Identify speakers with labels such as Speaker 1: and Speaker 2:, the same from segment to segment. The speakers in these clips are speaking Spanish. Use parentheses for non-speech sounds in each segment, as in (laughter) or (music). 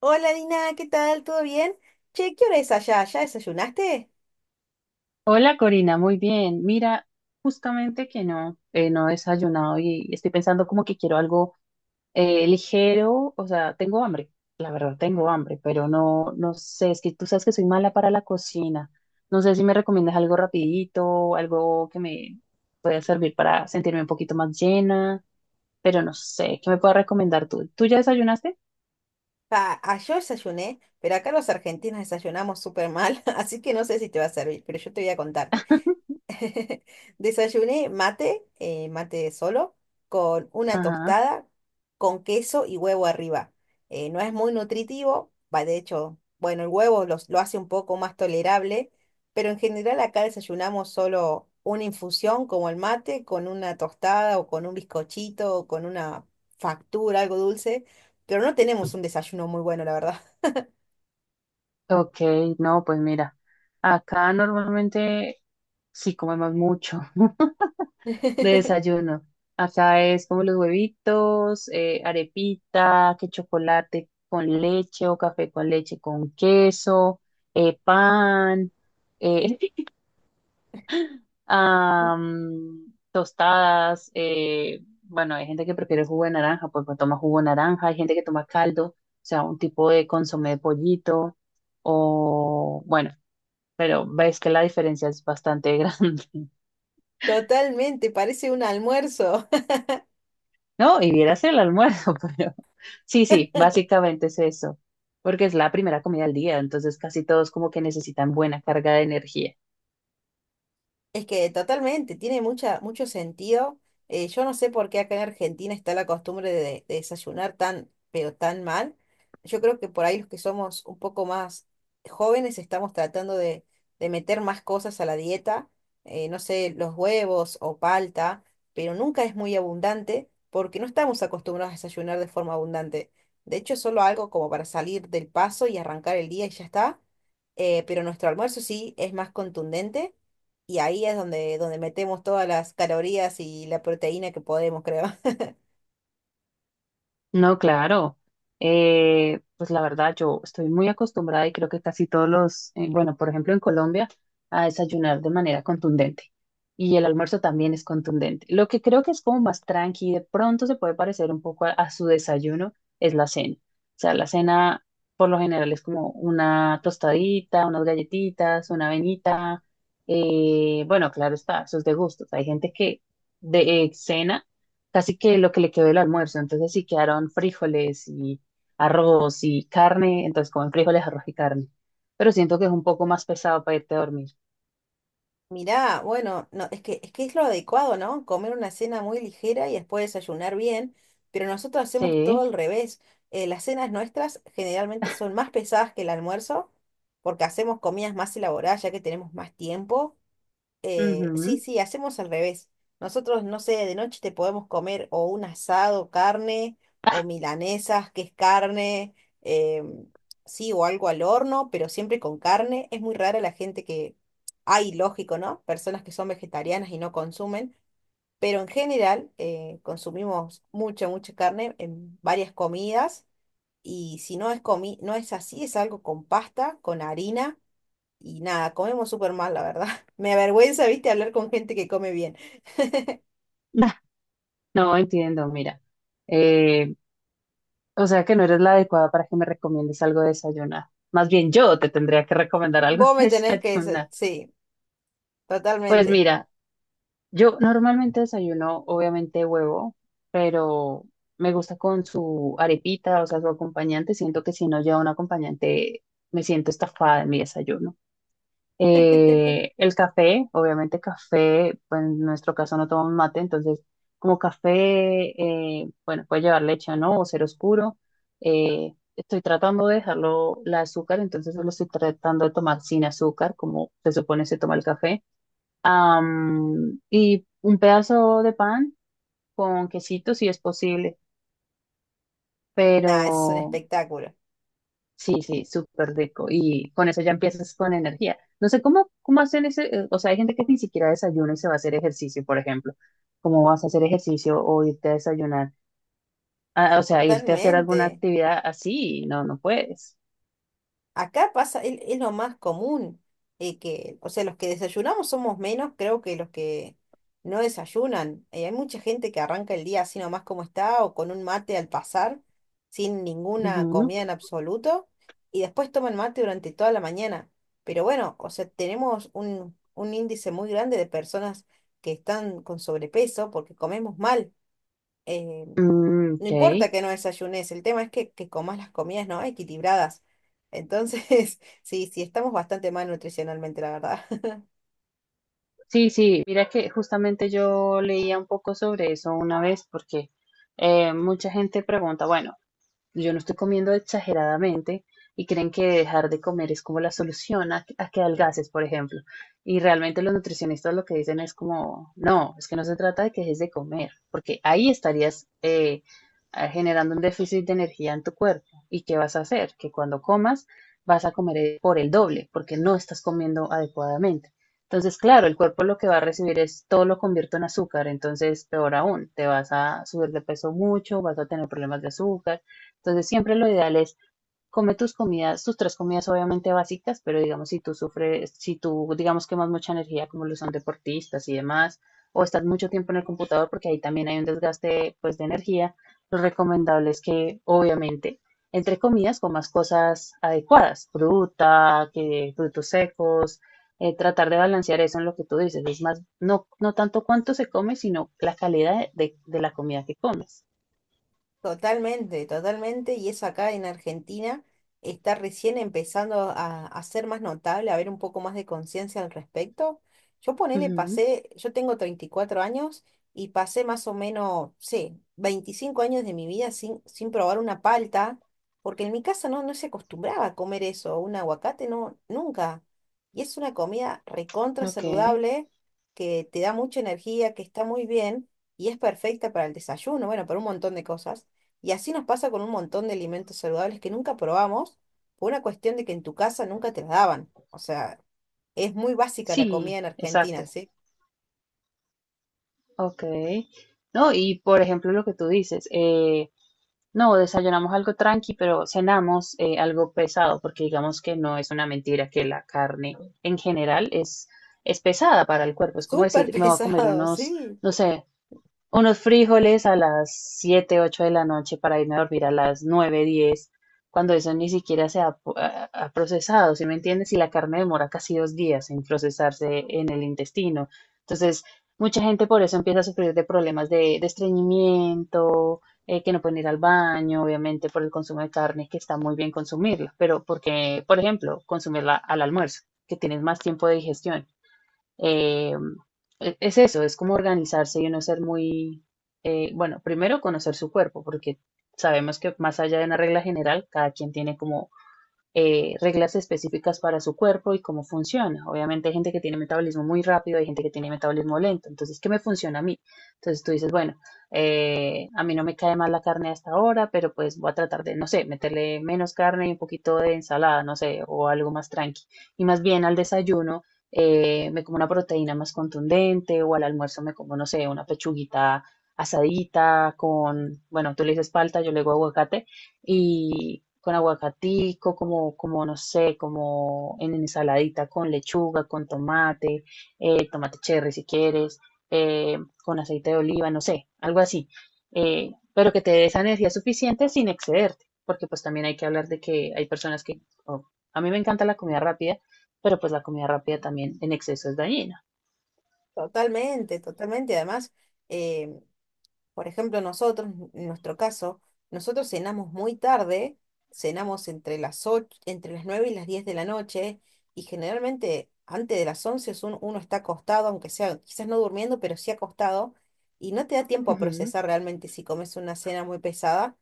Speaker 1: Hola Dina, ¿qué tal? ¿Todo bien? Che, ¿qué hora es allá? ¿Ya desayunaste?
Speaker 2: Hola Corina, muy bien. Mira, justamente que no, no he desayunado y estoy pensando como que quiero algo ligero, o sea, tengo hambre, la verdad tengo hambre, pero no, no sé, es que tú sabes que soy mala para la cocina. No sé si me recomiendas algo rapidito, algo que me pueda servir para sentirme un poquito más llena, pero no sé, ¿qué me puedes recomendar tú? ¿Tú ya desayunaste?
Speaker 1: Pa, yo desayuné, pero acá los argentinos desayunamos súper mal, (laughs) así que no sé si te va a servir, pero yo te voy a contar. (laughs) Desayuné mate, mate solo, con una
Speaker 2: Ajá.
Speaker 1: tostada, con queso y huevo arriba. No es muy nutritivo, va, de hecho, bueno, el huevo lo hace un poco más tolerable, pero en general acá desayunamos solo una infusión como el mate, con una tostada o con un bizcochito o con una factura, algo dulce, pero no tenemos un desayuno muy bueno, la verdad.
Speaker 2: Ok, no, pues mira, acá normalmente sí comemos mucho. (laughs) De
Speaker 1: (laughs)
Speaker 2: desayuno. Acá es como los huevitos, arepita, que chocolate con leche o café con leche con queso, pan, eh, (laughs) tostadas. Bueno, hay gente que prefiere jugo de naranja, pues, toma jugo de naranja, hay gente que toma caldo, o sea, un tipo de consomé de pollito, o bueno, pero ves que la diferencia es bastante (laughs) grande.
Speaker 1: Totalmente, parece un almuerzo.
Speaker 2: No, y vieras el almuerzo, (laughs) pero sí, sí, básicamente es eso, porque es la primera comida del día, entonces casi todos como que necesitan buena carga de energía.
Speaker 1: Es que totalmente, tiene mucho sentido. Yo no sé por qué acá en Argentina está la costumbre de desayunar tan, pero tan mal. Yo creo que por ahí los que somos un poco más jóvenes estamos tratando de meter más cosas a la dieta, no sé, los huevos o palta, pero nunca es muy abundante porque no estamos acostumbrados a desayunar de forma abundante. De hecho, es solo algo como para salir del paso y arrancar el día y ya está. Pero nuestro almuerzo sí es más contundente y ahí es donde, metemos todas las calorías y la proteína que podemos, creo. (laughs)
Speaker 2: No, claro. Pues la verdad, yo estoy muy acostumbrada y creo que casi todos los, bueno, por ejemplo en Colombia, a desayunar de manera contundente. Y el almuerzo también es contundente. Lo que creo que es como más tranqui, de pronto se puede parecer un poco a su desayuno, es la cena. O sea, la cena por lo general es como una tostadita, unas galletitas, una avenita. Bueno, claro está, eso es de gustos. Hay gente que de cena casi que lo que le quedó del almuerzo. Entonces sí quedaron frijoles y arroz y carne, entonces comen frijoles, arroz y carne. Pero siento que es un poco más pesado para irte a dormir.
Speaker 1: Mirá, bueno, no, es que es lo adecuado, ¿no? Comer una cena muy ligera y después desayunar bien, pero nosotros hacemos todo
Speaker 2: Sí.
Speaker 1: al revés. Las cenas nuestras generalmente son más pesadas que el almuerzo, porque hacemos comidas más elaboradas, ya que tenemos más tiempo.
Speaker 2: Ujú.
Speaker 1: Sí,
Speaker 2: (laughs)
Speaker 1: sí, hacemos al revés. Nosotros, no sé, de noche te podemos comer o un asado, carne, o milanesas, que es carne, em, sí, o algo al horno, pero siempre con carne. Es muy rara la gente que, hay, lógico, ¿no? Personas que son vegetarianas y no consumen, pero en general consumimos mucha, mucha carne en varias comidas. Y si no es comi no es así, es algo con pasta, con harina y nada, comemos súper mal, la verdad. (laughs) Me avergüenza, viste, hablar con gente que come bien.
Speaker 2: Nah, no entiendo, mira. Eh, o sea que no eres la adecuada para que me recomiendes algo de desayunar. Más bien yo te tendría que recomendar algo (laughs)
Speaker 1: Vos
Speaker 2: de
Speaker 1: me tenés que
Speaker 2: desayunar.
Speaker 1: sí,
Speaker 2: Pues
Speaker 1: totalmente.
Speaker 2: mira, yo normalmente desayuno, obviamente, huevo, pero me gusta con su arepita, o sea, su acompañante. Siento que si no lleva un acompañante, me siento estafada en mi desayuno.
Speaker 1: (laughs)
Speaker 2: El café, obviamente, café, pues en nuestro caso no tomamos mate, entonces, como café, bueno, puede llevar leche o no, o ser oscuro. Estoy tratando de dejarlo, la azúcar, entonces lo estoy tratando de tomar sin azúcar, como se supone se toma el café. Y un pedazo de pan con quesito si es posible, pero
Speaker 1: Nada, es un espectáculo.
Speaker 2: sí, sí, súper rico. Y con eso ya empiezas con energía. No sé cómo hacen ese, o sea, hay gente que ni siquiera desayuna y se va a hacer ejercicio, por ejemplo. ¿Cómo vas a hacer ejercicio o irte a desayunar? Ah, o sea, irte a hacer alguna
Speaker 1: Totalmente.
Speaker 2: actividad así, no, no puedes.
Speaker 1: Acá pasa, es lo más común, que, o sea, los que desayunamos somos menos, creo que los que no desayunan. Hay mucha gente que arranca el día así nomás como está o con un mate al pasar, sin ninguna
Speaker 2: Ujú.
Speaker 1: comida en absoluto, y después toman mate durante toda la mañana. Pero bueno, o sea, tenemos un índice muy grande de personas que están con sobrepeso porque comemos mal. Eh,
Speaker 2: Mm,
Speaker 1: no
Speaker 2: ok.
Speaker 1: importa que no desayunes, el tema es que comas las comidas, ¿no? Equilibradas. Entonces, (laughs) sí, sí, estamos bastante mal nutricionalmente, la verdad.
Speaker 2: Sí, sí, mira que justamente yo leía un poco sobre eso una vez porque mucha gente pregunta, bueno, yo no estoy comiendo exageradamente y creen que dejar de comer es como la solución a que adelgaces, por ejemplo. Y realmente los nutricionistas lo que dicen es como, no, es que no se trata de que dejes de comer, porque ahí estarías generando un déficit de energía en tu cuerpo. ¿Y qué vas a hacer? Que cuando comas vas a comer por el doble, porque no estás comiendo adecuadamente. Entonces, claro, el cuerpo lo que va a recibir es todo lo convierto en azúcar, entonces peor aún, te vas a subir de peso mucho, vas a tener problemas de azúcar. Entonces, siempre lo ideal es come tus comidas, tus tres comidas obviamente básicas, pero digamos si tú sufres, si tú digamos quemas mucha energía como lo son deportistas y demás, o estás mucho tiempo en el computador porque ahí también hay un desgaste pues de energía, lo recomendable es que obviamente entre comidas comas cosas adecuadas, fruta, que, frutos secos, tratar de balancear eso en lo que tú dices, es más, no, no tanto cuánto se come, sino la calidad de la comida que comes.
Speaker 1: Totalmente, totalmente, y eso acá en Argentina está recién empezando a ser más notable, a haber un poco más de conciencia al respecto. Yo ponele,
Speaker 2: Ujú.
Speaker 1: pasé, yo tengo 34 años y pasé más o menos, sí, 25 años de mi vida sin probar una palta, porque en mi casa no, no se acostumbraba a comer eso, un aguacate, no, nunca. Y es una comida recontra
Speaker 2: Ok.
Speaker 1: saludable, que te da mucha energía, que está muy bien y es perfecta para el desayuno, bueno, para un montón de cosas. Y así nos pasa con un montón de alimentos saludables que nunca probamos por una cuestión de que en tu casa nunca te las daban. O sea, es muy básica la comida
Speaker 2: Sí,
Speaker 1: en Argentina,
Speaker 2: exacto.
Speaker 1: ¿sí?
Speaker 2: Ok. No, y por ejemplo lo que tú dices, no, desayunamos algo tranqui, pero cenamos algo pesado, porque digamos que no es una mentira que la carne en general es pesada para el cuerpo. Es como
Speaker 1: Súper (laughs)
Speaker 2: decir, me voy a comer
Speaker 1: pesado,
Speaker 2: unos,
Speaker 1: sí,
Speaker 2: no sé, unos frijoles a las 7 8 de la noche para irme a dormir a las 9 10 cuando eso ni siquiera se ha procesado, ¿sí me entiendes? Y la carne demora casi 2 días en procesarse en el intestino. Entonces, mucha gente por eso empieza a sufrir de problemas de estreñimiento, que no pueden ir al baño, obviamente por el consumo de carne, que está muy bien consumirla, pero porque, por ejemplo, consumirla al almuerzo, que tienes más tiempo de digestión. Eh, es eso, es como organizarse y no ser muy, bueno, primero conocer su cuerpo, porque sabemos que más allá de una regla general, cada quien tiene como reglas específicas para su cuerpo y cómo funciona. Obviamente hay gente que tiene metabolismo muy rápido, hay gente que tiene metabolismo lento. Entonces, ¿qué me funciona a mí? Entonces tú dices, bueno, a mí no me cae mal la carne hasta ahora, pero pues voy a tratar de, no sé, meterle menos carne y un poquito de ensalada, no sé, o algo más tranqui. Y más bien al desayuno. Me como una proteína más contundente o al almuerzo me como, no sé, una pechuguita asadita con, bueno, tú le dices palta, yo le digo aguacate, y con aguacatico, como no sé, como en ensaladita con lechuga, con tomate, tomate cherry si quieres, eh, con aceite de oliva, no sé, algo así. Pero que te dé esa energía suficiente sin excederte, porque pues también hay que hablar de que hay personas que, oh, a mí me encanta la comida rápida, pero pues la comida rápida también en exceso es dañina.
Speaker 1: totalmente, totalmente. Además, eh, por ejemplo, nosotros, en nuestro caso, nosotros cenamos muy tarde, cenamos entre las 8 entre las 9 y las 10 de la noche, y generalmente antes de las 11 es uno está acostado, aunque sea quizás no durmiendo, pero sí acostado, y no te da tiempo a
Speaker 2: Ujú.
Speaker 1: procesar realmente si comes una cena muy pesada,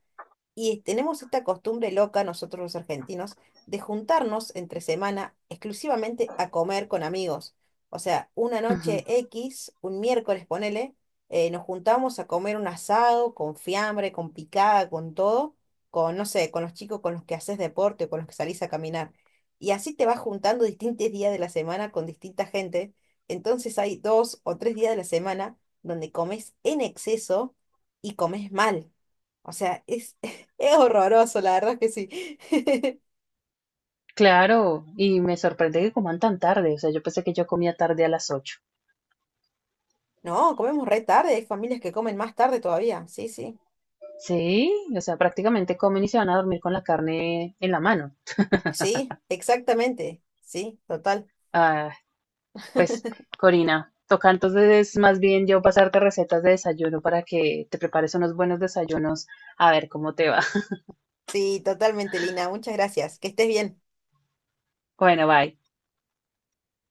Speaker 1: y tenemos esta costumbre loca nosotros los argentinos de juntarnos entre semana exclusivamente a comer con amigos. O sea, una
Speaker 2: Ujú.
Speaker 1: noche X, un miércoles ponele, nos juntamos a comer un asado con fiambre, con picada, con todo, con, no sé, con los chicos con los que haces deporte o con los que salís a caminar. Y así te vas juntando distintos días de la semana con distinta gente. Entonces hay 2 o 3 días de la semana donde comes en exceso y comes mal. O sea, es horroroso, la verdad es que sí. (laughs)
Speaker 2: Claro, y me sorprende que coman tan tarde, o sea, yo pensé que yo comía tarde a las 8.
Speaker 1: No, comemos re tarde, hay familias que comen más tarde todavía. Sí, sí.
Speaker 2: Sí, o sea, prácticamente comen y se van a dormir con la carne en la mano.
Speaker 1: Sí, exactamente. Sí, total.
Speaker 2: Ah, pues, Corina, toca entonces más bien yo pasarte recetas de desayuno para que te prepares unos buenos desayunos, a ver cómo te va. (laughs)
Speaker 1: Sí, totalmente, Lina. Muchas gracias. Que estés bien.
Speaker 2: Bueno, bye.